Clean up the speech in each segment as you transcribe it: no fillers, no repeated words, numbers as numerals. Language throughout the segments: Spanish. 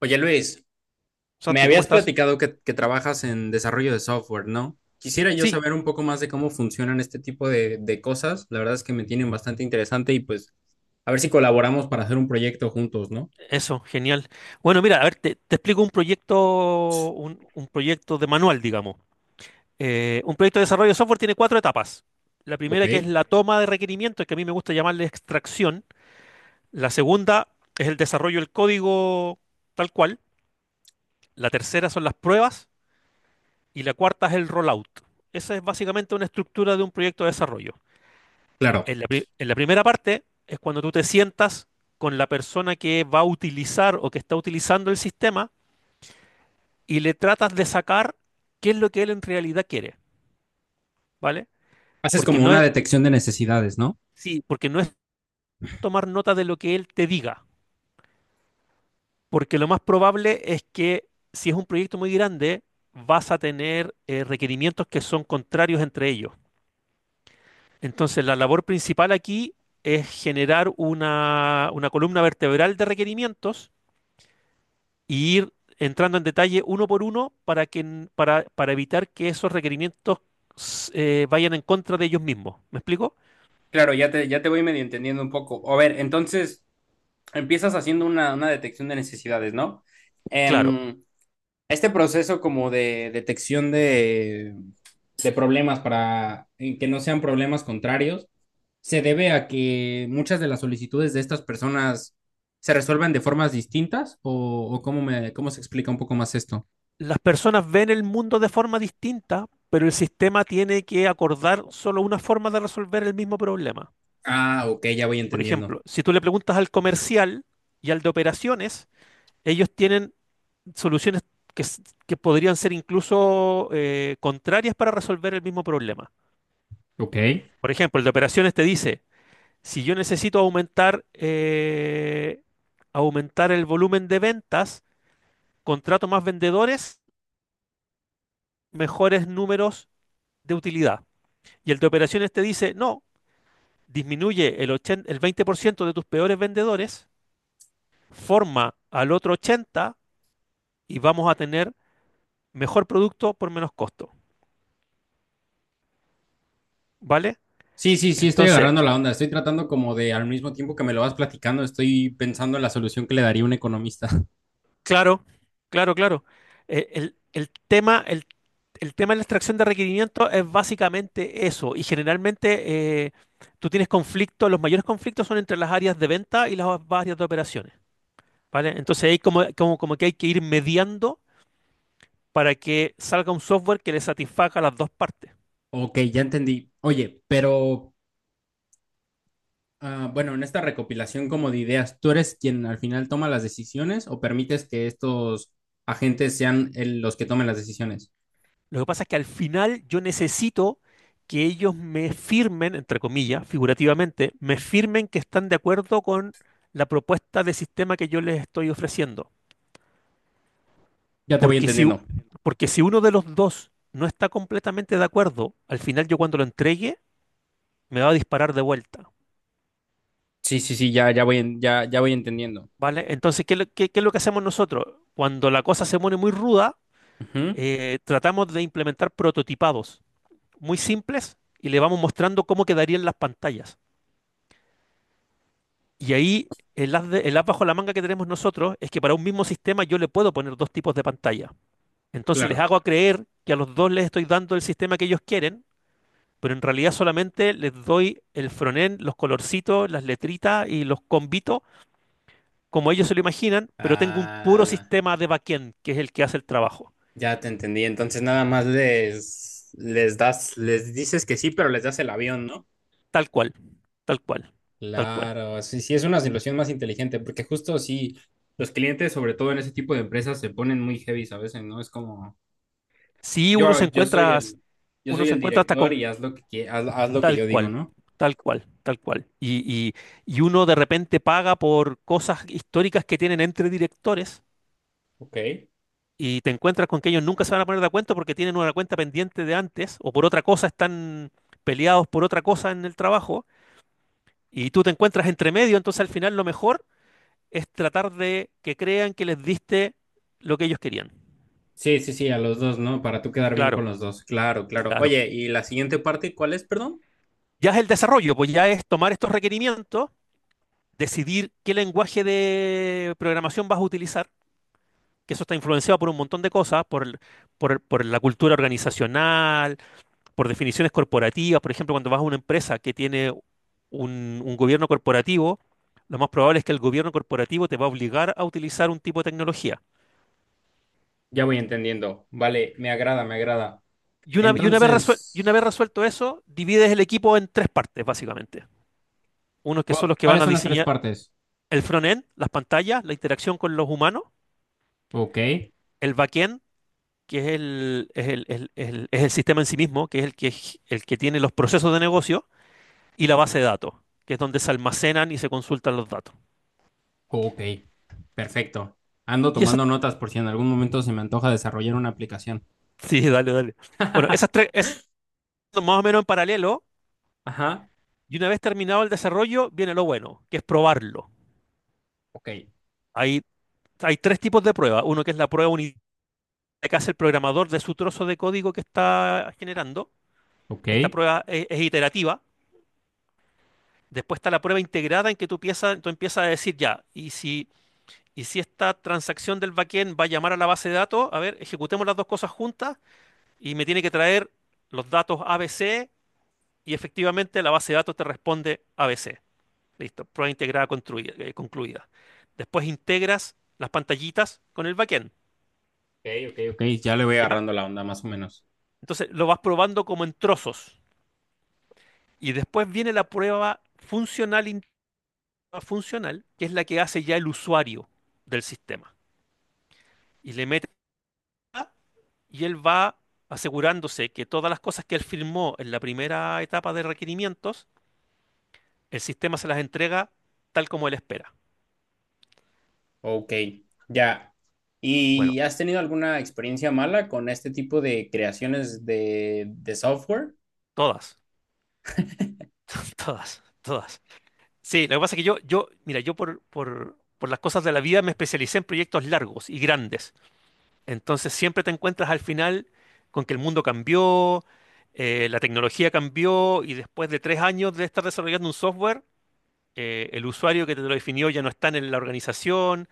Oye Luis, me Santi, ¿cómo habías estás? platicado que trabajas en desarrollo de software, ¿no? Quisiera yo Sí, saber un poco más de cómo funcionan este tipo de cosas. La verdad es que me tienen bastante interesante y pues a ver si colaboramos para hacer un proyecto juntos, ¿no? eso, genial. Bueno, mira, a ver, te explico un proyecto, un proyecto de manual, digamos. Un proyecto de desarrollo de software tiene cuatro etapas. La Ok, primera que es la toma de requerimientos, que a mí me gusta llamarle extracción. La segunda es el desarrollo del código tal cual. La tercera son las pruebas y la cuarta es el rollout. Esa es básicamente una estructura de un proyecto de desarrollo. claro. En la primera parte es cuando tú te sientas con la persona que va a utilizar o que está utilizando el sistema y le tratas de sacar qué es lo que él en realidad quiere, ¿vale? Haces Porque como no una es, detección de necesidades, ¿no? sí, porque no es tomar nota de lo que él te diga, porque lo más probable es que si es un proyecto muy grande, vas a tener requerimientos que son contrarios entre ellos. Entonces, la labor principal aquí es generar una columna vertebral de requerimientos y ir entrando en detalle uno por uno para para evitar que esos requerimientos vayan en contra de ellos mismos. ¿Me explico? Claro, ya te voy medio entendiendo un poco. A ver, entonces empiezas haciendo una detección de necesidades, ¿no? Claro, Em, este proceso como de detección de problemas para en que no sean problemas contrarios se debe a que muchas de las solicitudes de estas personas se resuelven de formas distintas o cómo me cómo se explica un poco más esto. las personas ven el mundo de forma distinta, pero el sistema tiene que acordar solo una forma de resolver el mismo problema. Ah, ok, ya voy Por entendiendo. ejemplo, si tú le preguntas al comercial y al de operaciones, ellos tienen soluciones que podrían ser incluso contrarias para resolver el mismo problema. Ok. Por ejemplo, el de operaciones te dice, si yo necesito aumentar, aumentar el volumen de ventas, contrato más vendedores, mejores números de utilidad. Y el de operaciones te dice, no, disminuye 80 el 20% de tus peores vendedores, forma al otro 80% y vamos a tener mejor producto por menos costo. ¿Vale? Sí, sí, sí, estoy Entonces, agarrando la onda. Estoy tratando como de, al mismo tiempo que me lo vas platicando, estoy pensando en la solución que le daría un economista. claro, claro. El tema, el. El tema de la extracción de requerimientos es básicamente eso, y generalmente tú tienes conflictos, los mayores conflictos son entre las áreas de venta y las áreas de operaciones, ¿vale? Entonces ahí como, como que hay que ir mediando para que salga un software que le satisfaga a las dos partes. Ok, ya entendí. Oye, pero ah, bueno, en esta recopilación como de ideas, ¿tú eres quien al final toma las decisiones o permites que estos agentes sean los que tomen las decisiones? Lo que pasa es que al final yo necesito que ellos me firmen, entre comillas, figurativamente, me firmen que están de acuerdo con la propuesta de sistema que yo les estoy ofreciendo. Ya te voy Porque si, u- entendiendo. porque si uno de los dos no está completamente de acuerdo, al final yo cuando lo entregue me va a disparar de vuelta, Sí, sí, sí, ya, ya voy, ya, ya voy entendiendo. ¿vale? Entonces, ¿qué es lo que hacemos nosotros? Cuando la cosa se pone muy ruda, Ujú, tratamos de implementar prototipados muy simples y le vamos mostrando cómo quedarían las pantallas. Y ahí el as bajo la manga que tenemos nosotros es que para un mismo sistema yo le puedo poner dos tipos de pantalla. Entonces les claro. hago a creer que a los dos les estoy dando el sistema que ellos quieren, pero en realidad solamente les doy el frontend, los colorcitos, las letritas y los combitos, como ellos se lo imaginan, pero tengo un puro Ah, sistema de backend, que es el que hace el trabajo. ya te entendí. Entonces nada más les das, les dices que sí, pero les das el avión, ¿no? Tal cual, tal cual, tal cual. Claro, sí, sí, es una solución más inteligente, porque justo sí, los clientes, sobre todo en ese tipo de empresas, se ponen muy heavy a veces, ¿no? Es como... Si uno se Yo soy encuentra, el, yo uno soy se el encuentra hasta director con y haz lo que haz, haz lo que tal yo digo, cual, ¿no? tal cual, tal cual. Y- y uno de repente paga por cosas históricas que tienen entre directores Ok. y te encuentras con que ellos nunca se van a poner de acuerdo porque tienen una cuenta pendiente de antes o por otra cosa están peleados por otra cosa en el trabajo y tú te encuentras entre medio, entonces al final lo mejor es tratar de que crean que les diste lo que ellos querían. Sí, sí, sí, a los dos, ¿no? Para tú quedar bien con Claro, los dos. Claro, claro. claro. Oye, ¿y la siguiente parte cuál es, perdón? Ya es el desarrollo, pues ya es tomar estos requerimientos, decidir qué lenguaje de programación vas a utilizar, que eso está influenciado por un montón de cosas, por la cultura organizacional, por definiciones corporativas, por ejemplo, cuando vas a una empresa que tiene un gobierno corporativo, lo más probable es que el gobierno corporativo te va a obligar a utilizar un tipo de tecnología. Ya voy entendiendo. Vale, me agrada, me agrada. Y una vez Entonces, resuelto eso, divides el equipo en tres partes, básicamente. Unos que son los que van ¿cuáles a son las tres diseñar partes? el front-end, las pantallas, la interacción con los humanos, Ok, el back-end, que es el sistema en sí mismo, que es el que el que tiene los procesos de negocio, y la base de datos, que es donde se almacenan y se consultan los datos. ok, perfecto. Ando Y esas... tomando notas por si en algún momento se me antoja desarrollar una aplicación. Sí, dale, dale. Bueno, esas tres, es más o menos en paralelo. Ajá, Y una vez terminado el desarrollo, viene lo bueno, que es probarlo. ok, Hay, hay tres tipos de prueba. Uno que es la prueba unitaria que hace el programador de su trozo de código que está generando. ok, Esta prueba es iterativa. Después está la prueba integrada en que tú empiezas a decir ya, y si esta transacción del backend va a llamar a la base de datos, a ver, ejecutemos las dos cosas juntas y me tiene que traer los datos ABC y efectivamente la base de datos te responde ABC. Listo, concluida. Después integras las pantallitas con el backend, ok, ok, ok. Ya le voy ¿ya? agarrando la onda, más o menos. Entonces lo vas probando como en trozos. Y después viene la prueba funcional, funcional, que es la que hace ya el usuario del sistema. Y le mete, y él va asegurándose que todas las cosas que él firmó en la primera etapa de requerimientos, el sistema se las entrega tal como él espera. Ok, ya. Bueno, ¿Y has tenido alguna experiencia mala con este tipo de creaciones de software? todas, todas, todas. Sí, lo que pasa es que mira, yo por las cosas de la vida me especialicé en proyectos largos y grandes. Entonces siempre te encuentras al final con que el mundo cambió, la tecnología cambió y después de 3 años de estar desarrollando un software, el usuario que te lo definió ya no está en la organización.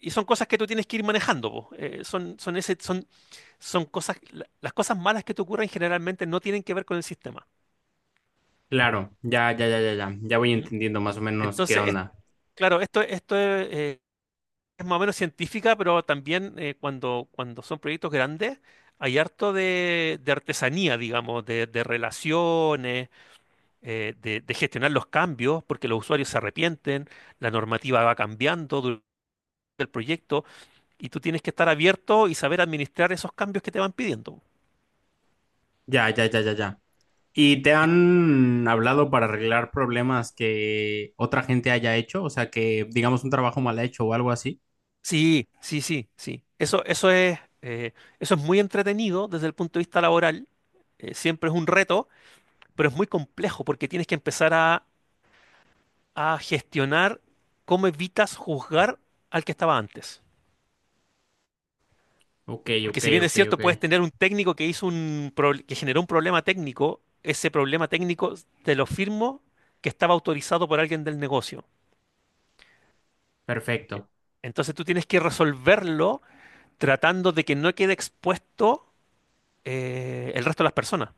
Y son cosas que tú tienes que ir manejando, po. Son cosas, las cosas malas que te ocurren generalmente no tienen que ver con el sistema. Claro, ya, ya, ya, ya, ya. Ya voy ¿Mm? entendiendo más o menos qué Entonces, es- onda. claro, esto es más o menos científica, pero también cuando son proyectos grandes, hay harto de artesanía, digamos, de relaciones, de gestionar los cambios, porque los usuarios se arrepienten, la normativa va cambiando durante el proyecto, y tú tienes que estar abierto y saber administrar esos cambios que te van pidiendo. Ya, ya, ya, ya, ya. ¿Y te han hablado para arreglar problemas que otra gente haya hecho? O sea, que digamos un trabajo mal hecho o algo así. Sí, sí, sí, sí. Eso es muy entretenido desde el punto de vista laboral. Eh, siempre es un reto, pero es muy complejo porque tienes que empezar a gestionar cómo evitas juzgar al que estaba antes. Ok, Porque ok, si bien es ok, cierto, ok. puedes tener un técnico que que generó un problema técnico, ese problema técnico te lo firmo que estaba autorizado por alguien del negocio. Perfecto. Entonces tú tienes que resolverlo tratando de que no quede expuesto el resto de las personas.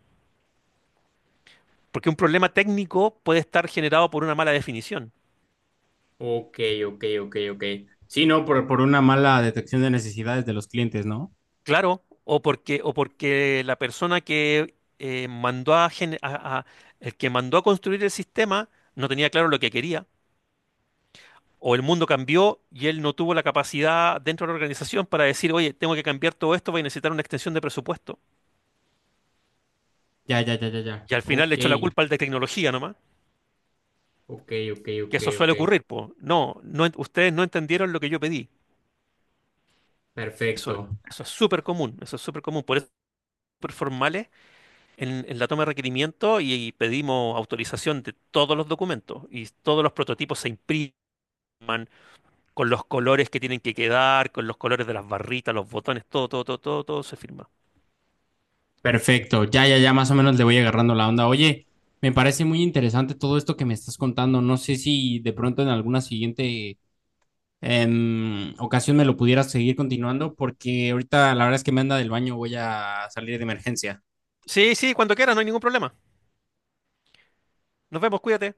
Porque un problema técnico puede estar generado por una mala definición. Ok, ok, ok, ok. Sí, no, por una mala detección de necesidades de los clientes, ¿no? Claro, o porque la persona que mandó a, gen- a- el que mandó a construir el sistema no tenía claro lo que quería, o el mundo cambió y él no tuvo la capacidad dentro de la organización para decir, oye, tengo que cambiar todo esto, voy a necesitar una extensión de presupuesto. Ya, ya, ya, ya, ya. Y al final le Ok. echó la culpa al de tecnología nomás, Ok, ok, que ok, eso ok. suele ocurrir, pues. No, no, ustedes no entendieron lo que yo pedí. Perfecto, Eso, eso es súper común, eso es súper común. Por eso, súper formales en la toma de requerimiento y pedimos autorización de todos los documentos y todos los prototipos se imprimen con los colores que tienen que quedar, con los colores de las barritas, los botones, todo, todo, todo, todo, todo se firma. perfecto. Ya, ya, ya, más o menos le voy agarrando la onda. Oye, me parece muy interesante todo esto que me estás contando. No sé si de pronto en alguna siguiente ocasión me lo pudieras seguir continuando, porque ahorita la verdad es que me anda del baño, voy a salir de emergencia. Sí, sí, cuando quieras, no hay ningún problema. Nos vemos, cuídate.